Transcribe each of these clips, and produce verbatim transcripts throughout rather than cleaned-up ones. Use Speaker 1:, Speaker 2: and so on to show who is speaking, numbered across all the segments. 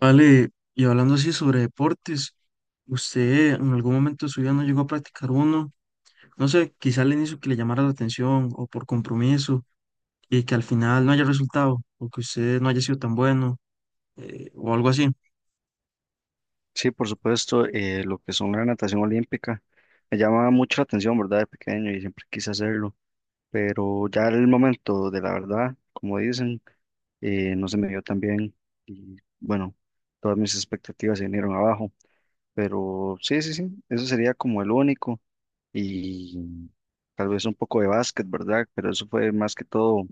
Speaker 1: Vale, y hablando así sobre deportes, ¿usted en algún momento de su vida no llegó a practicar uno? No sé, quizá al inicio que le llamara la atención o por compromiso y que al final no haya resultado o que usted no haya sido tan bueno eh, o algo así.
Speaker 2: Sí, por supuesto, eh, lo que son la natación olímpica me llama mucho la atención, ¿verdad? De pequeño y siempre quise hacerlo, pero ya el momento de la verdad, como dicen, eh, no se me dio tan bien y bueno, todas mis expectativas se vinieron abajo, pero sí, sí, sí, eso sería como el único y tal vez un poco de básquet, ¿verdad? Pero eso fue más que todo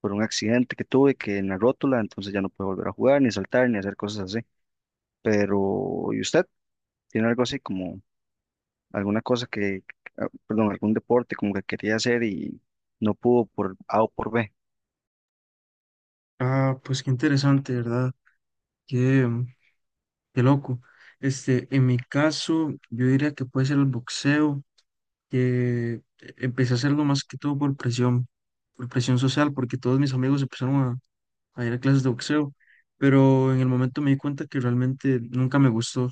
Speaker 2: por un accidente que tuve que en la rótula, entonces ya no puedo volver a jugar, ni saltar, ni hacer cosas así, pero ¿y usted? ¿Tiene algo así como alguna cosa que, ah, perdón, algún deporte como que quería hacer y no pudo por A o por B?
Speaker 1: Ah, pues qué interesante, ¿verdad? Qué, qué loco. Este, en mi caso, yo diría que puede ser el boxeo, que empecé a hacerlo más que todo por presión, por presión social, porque todos mis amigos empezaron a ir a clases de boxeo, pero en el momento me di cuenta que realmente nunca me gustó.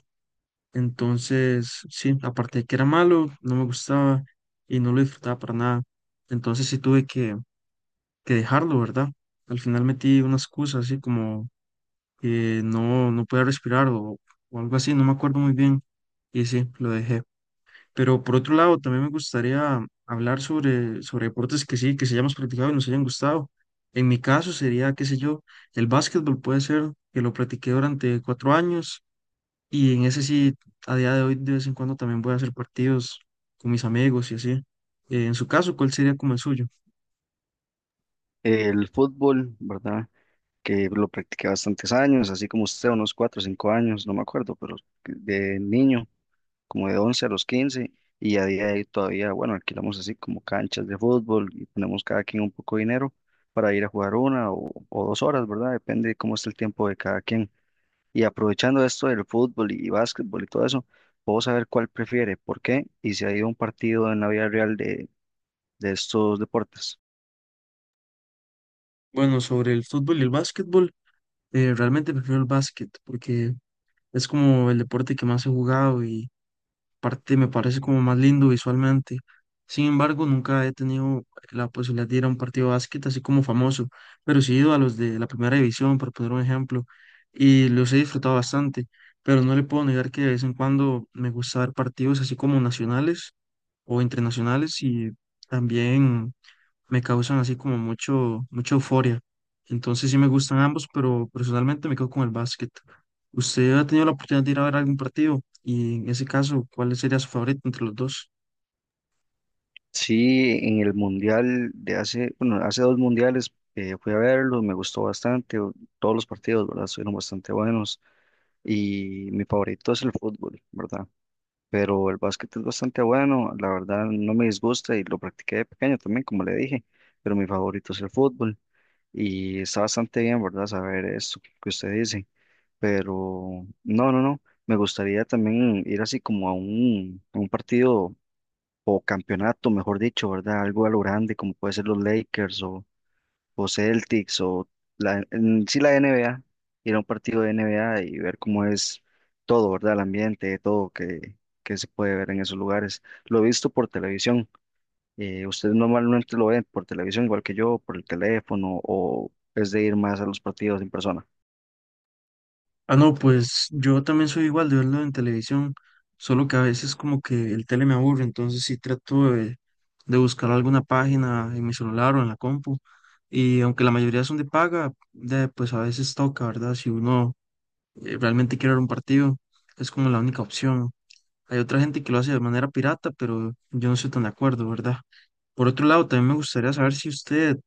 Speaker 1: Entonces, sí, aparte de que era malo, no me gustaba y no lo disfrutaba para nada. Entonces sí tuve que, que dejarlo, ¿verdad? Al final metí una excusa así como que no, no podía respirar o, o algo así, no me acuerdo muy bien. Y sí, lo dejé. Pero por otro lado, también me gustaría hablar sobre, sobre deportes que sí, que se hayamos practicado y nos hayan gustado. En mi caso sería, qué sé yo, el básquetbol puede ser que lo practiqué durante cuatro años y en ese sí, a día de hoy, de vez en cuando también voy a hacer partidos con mis amigos y así. Eh, en su caso, ¿cuál sería como el suyo?
Speaker 2: El fútbol, ¿verdad? Que lo practiqué bastantes años, así como usted, unos cuatro o cinco años, no me acuerdo, pero de niño, como de once a los quince, y a día de hoy todavía, bueno, alquilamos así como canchas de fútbol y ponemos cada quien un poco de dinero para ir a jugar una o, o dos horas, ¿verdad? Depende de cómo está el tiempo de cada quien. Y aprovechando esto del fútbol y básquetbol y todo eso, puedo saber cuál prefiere, por qué y si ha ido a un partido en la vida real de, de estos deportes.
Speaker 1: Bueno, sobre el fútbol y el básquetbol, eh, realmente prefiero el básquet porque es como el deporte que más he jugado parte me parece como más lindo visualmente. Sin embargo, nunca he tenido la posibilidad de ir a un partido de básquet así como famoso, pero sí he ido a los de la primera división, por poner un ejemplo, y los he disfrutado bastante, pero no le puedo negar que de vez en cuando me gusta ver partidos así como nacionales o internacionales y también me causan así como mucho, mucha euforia. Entonces sí me gustan ambos, pero personalmente me quedo con el básquet. ¿Usted ha tenido la oportunidad de ir a ver algún partido? Y en ese caso, ¿cuál sería su favorito entre los dos?
Speaker 2: Sí, en el mundial de hace, bueno, hace dos mundiales eh, fui a verlo, me gustó bastante, o- todos los partidos, ¿verdad? Fueron bastante buenos y mi favorito es el fútbol, ¿verdad? Pero el básquet es bastante bueno, la verdad no me disgusta y lo practiqué de pequeño también, como le dije, pero mi favorito es el fútbol. Y está bastante bien, ¿verdad? Saber esto que usted dice. Pero no, no, no. Me gustaría también ir así como a un, a un partido o campeonato, mejor dicho, ¿verdad? Algo a lo grande, como puede ser los Lakers o, o Celtics o la, en sí la N B A. Ir a un partido de N B A y ver cómo es todo, ¿verdad? El ambiente, todo que, que se puede ver en esos lugares. Lo he visto por televisión. Eh, ¿ustedes normalmente lo ven por televisión igual que yo, por el teléfono, o es de ir más a los partidos en persona?
Speaker 1: Ah, no, pues yo también soy igual de verlo en televisión, solo que a veces como que el tele me aburre, entonces sí trato de, de buscar alguna página en mi celular o en la compu. Y aunque la mayoría son de paga, de, pues a veces toca, ¿verdad? Si uno eh, realmente quiere ver un partido, es como la única opción. Hay otra gente que lo hace de manera pirata, pero yo no estoy tan de acuerdo, ¿verdad? Por otro lado, también me gustaría saber si usted,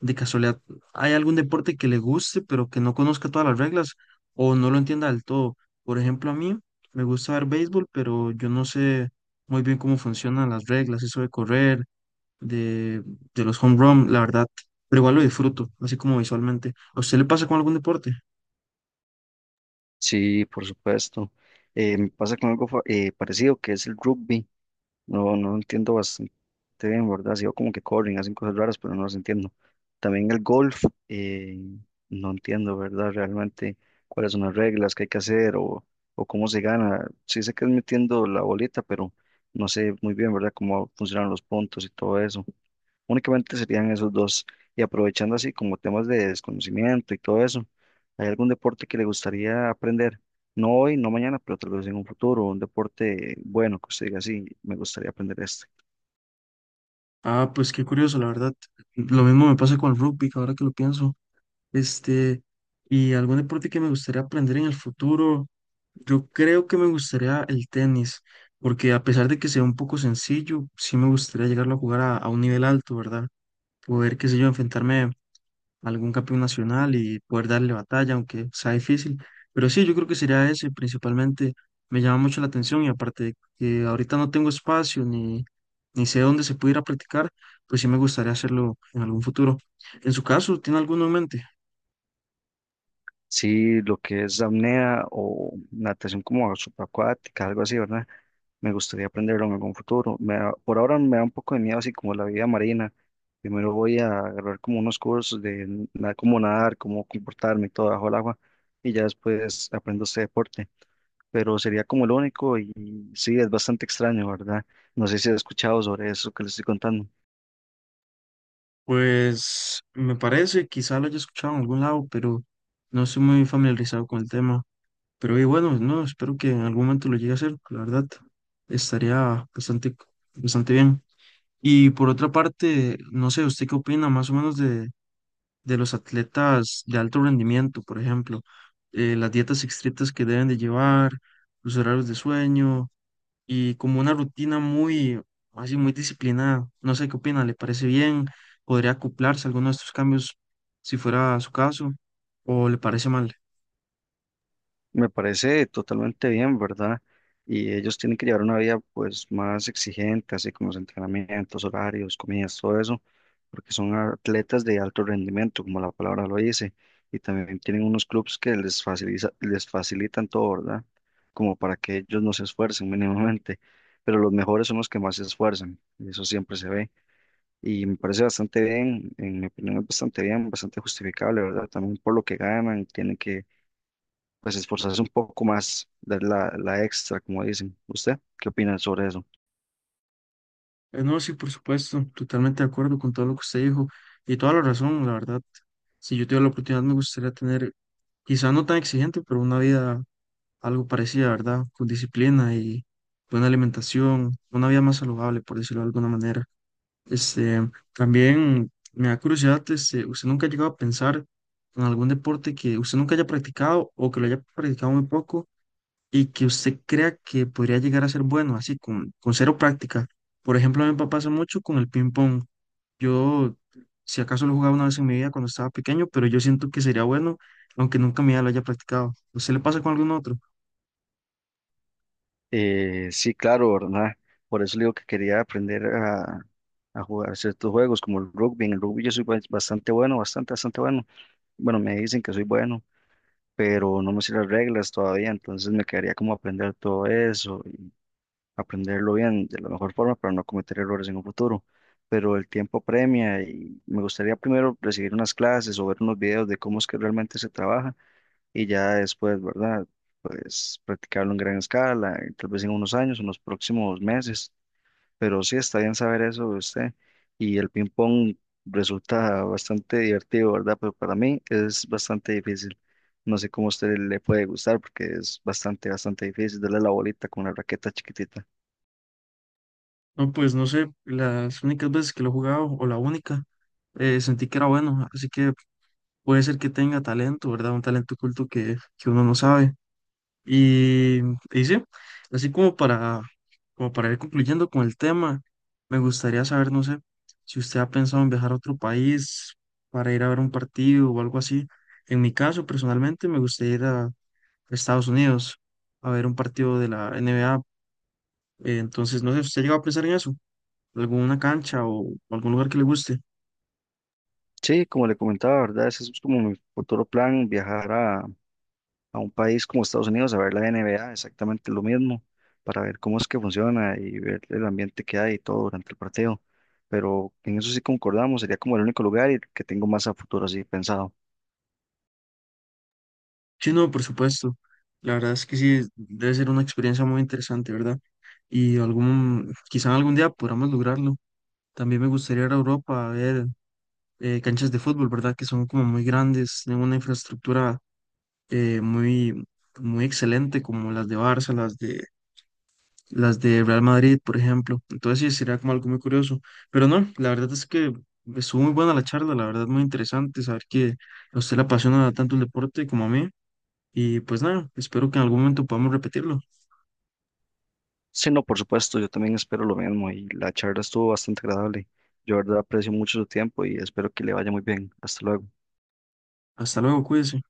Speaker 1: de casualidad, hay algún deporte que le guste, pero que no conozca todas las reglas o no lo entienda del todo. Por ejemplo, a mí me gusta ver béisbol, pero yo no sé muy bien cómo funcionan las reglas, eso de correr, de, de los home run, la verdad. Pero igual lo disfruto, así como visualmente. ¿A usted le pasa con algún deporte?
Speaker 2: Sí, por supuesto. Eh, me pasa con algo fa- eh, parecido que es el rugby. No, no entiendo bastante bien, ¿verdad? Sigo como que corren, hacen cosas raras, pero no las entiendo. También el golf, eh, no entiendo, ¿verdad? Realmente cuáles son las reglas que hay que hacer o, o cómo se gana. Sí sé que es metiendo la bolita, pero no sé muy bien, ¿verdad? Cómo funcionan los puntos y todo eso. Únicamente serían esos dos. Y aprovechando así como temas de desconocimiento y todo eso, ¿hay algún deporte que le gustaría aprender? No hoy, no mañana, pero tal vez en un futuro, un deporte bueno que usted diga, sí, me gustaría aprender este.
Speaker 1: Ah, pues qué curioso, la verdad. Lo mismo me pasa con el rugby, ahora que lo pienso. Este, y algún deporte que me gustaría aprender en el futuro, yo creo que me gustaría el tenis, porque a pesar de que sea un poco sencillo, sí me gustaría llegarlo a jugar a, a un nivel alto, ¿verdad? Poder, qué sé yo, enfrentarme a algún campeón nacional y poder darle batalla, aunque sea difícil. Pero sí, yo creo que sería ese principalmente. Me llama mucho la atención y aparte de que ahorita no tengo espacio ni, ni sé dónde se pudiera practicar, pues sí me gustaría hacerlo en algún futuro. En su caso, ¿tiene alguno en mente?
Speaker 2: Sí, lo que es apnea o natación como subacuática, algo así, ¿verdad? Me gustaría aprenderlo en algún futuro. Me da- por ahora me da un poco de miedo así como la vida marina. Primero voy a agarrar como unos cursos de na- cómo nadar, cómo comportarme y todo bajo el agua y ya después aprendo este deporte, pero sería como el único y sí, es bastante extraño, ¿verdad? No sé si has escuchado sobre eso que les estoy contando.
Speaker 1: Pues me parece, quizá lo haya escuchado en algún lado, pero no estoy muy familiarizado con el tema. Pero y bueno, no, espero que en algún momento lo llegue a hacer, la verdad, estaría bastante, bastante bien. Y por otra parte, no sé, ¿usted qué opina más o menos de, de los atletas de alto rendimiento, por ejemplo? Eh, las dietas estrictas que deben de llevar, los horarios de sueño y como una rutina muy, así, muy disciplinada. No sé qué opina, ¿le parece bien? ¿Podría acoplarse a alguno de estos cambios si fuera su caso? ¿O le parece mal?
Speaker 2: Me parece totalmente bien, ¿verdad? Y ellos tienen que llevar una vida pues más exigente, así como los entrenamientos, horarios, comidas, todo eso, porque son atletas de alto rendimiento, como la palabra lo dice, y también tienen unos clubes que les facilita, les facilitan todo, ¿verdad? Como para que ellos no se esfuercen mínimamente, pero los mejores son los que más se esfuerzan, y eso siempre se ve. Y me parece bastante bien, en mi opinión es bastante bien, bastante justificable, ¿verdad? También por lo que ganan, tienen que pues esforzarse un poco más, dar la, la extra, como dicen. ¿Usted qué opina sobre eso?
Speaker 1: Eh, no, sí, por supuesto, totalmente de acuerdo con todo lo que usted dijo y toda la razón, la verdad. Si yo tuviera la oportunidad, me gustaría tener, quizá no tan exigente, pero una vida algo parecida, ¿verdad? Con disciplina y buena alimentación, una vida más saludable, por decirlo de alguna manera. Este, también me da curiosidad, este, ¿usted nunca ha llegado a pensar en algún deporte que usted nunca haya practicado o que lo haya practicado muy poco y que usted crea que podría llegar a ser bueno, así con, con cero práctica? Por ejemplo, a mí me pasa mucho con el ping pong. Yo, si acaso lo jugaba una vez en mi vida cuando estaba pequeño, pero yo siento que sería bueno, aunque nunca en mi vida lo haya practicado. ¿A ¿Usted le pasa con algún otro?
Speaker 2: Eh, sí, claro, ¿verdad? Por eso le digo que quería aprender a, a jugar ciertos juegos como el rugby. En el rugby yo soy bas- bastante bueno, bastante, bastante bueno. Bueno, me dicen que soy bueno, pero no me sé las reglas todavía, entonces me quedaría como aprender todo eso, aprenderlo bien de la mejor forma para no cometer errores en un futuro. Pero el tiempo premia y me gustaría primero recibir unas clases o ver unos videos de cómo es que realmente se trabaja y ya después, ¿verdad? Pues practicarlo en gran escala, eh, tal vez en unos años, en los próximos meses. Pero sí está bien saber eso de usted. Y el ping pong resulta bastante divertido, ¿verdad? Pero para mí es bastante difícil. No sé cómo a usted le puede gustar porque es bastante, bastante difícil darle la bolita con una raqueta chiquitita.
Speaker 1: No, pues no sé, las únicas veces que lo he jugado o la única, eh, sentí que era bueno, así que puede ser que tenga talento, ¿verdad? Un talento oculto que, que uno no sabe. Y, y sí, así como para, como para ir concluyendo con el tema, me gustaría saber, no sé, si usted ha pensado en viajar a otro país para ir a ver un partido o algo así. En mi caso, personalmente, me gustaría ir a Estados Unidos a ver un partido de la N B A. Eh, Entonces, no sé, ¿usted llegó a pensar en eso? ¿Alguna cancha o algún lugar que le guste?
Speaker 2: Sí, como le comentaba, ¿verdad? Ese es como mi futuro plan, viajar a, a un país como Estados Unidos a ver la N B A, exactamente lo mismo, para ver cómo es que funciona y ver el ambiente que hay y todo durante el partido. Pero en eso sí concordamos, sería como el único lugar y que tengo más a futuro así pensado.
Speaker 1: Sí, no, por supuesto. La verdad es que sí, debe ser una experiencia muy interesante, ¿verdad? Y algún, quizá algún día podamos lograrlo. También me gustaría ir a Europa a ver eh, canchas de fútbol, ¿verdad? Que son como muy grandes, tienen una infraestructura eh, muy, muy excelente, como las de Barça, las de, las de Real Madrid, por ejemplo. Entonces sí, sería como algo muy curioso. Pero no, la verdad es que estuvo muy buena la charla, la verdad muy interesante saber que a usted le apasiona tanto el deporte como a mí. Y pues nada, espero que en algún momento podamos repetirlo.
Speaker 2: Sí, no, por supuesto, yo también espero lo mismo y la charla estuvo bastante agradable. Yo, de verdad, aprecio mucho su tiempo y espero que le vaya muy bien. Hasta luego.
Speaker 1: Hasta luego, cuídense.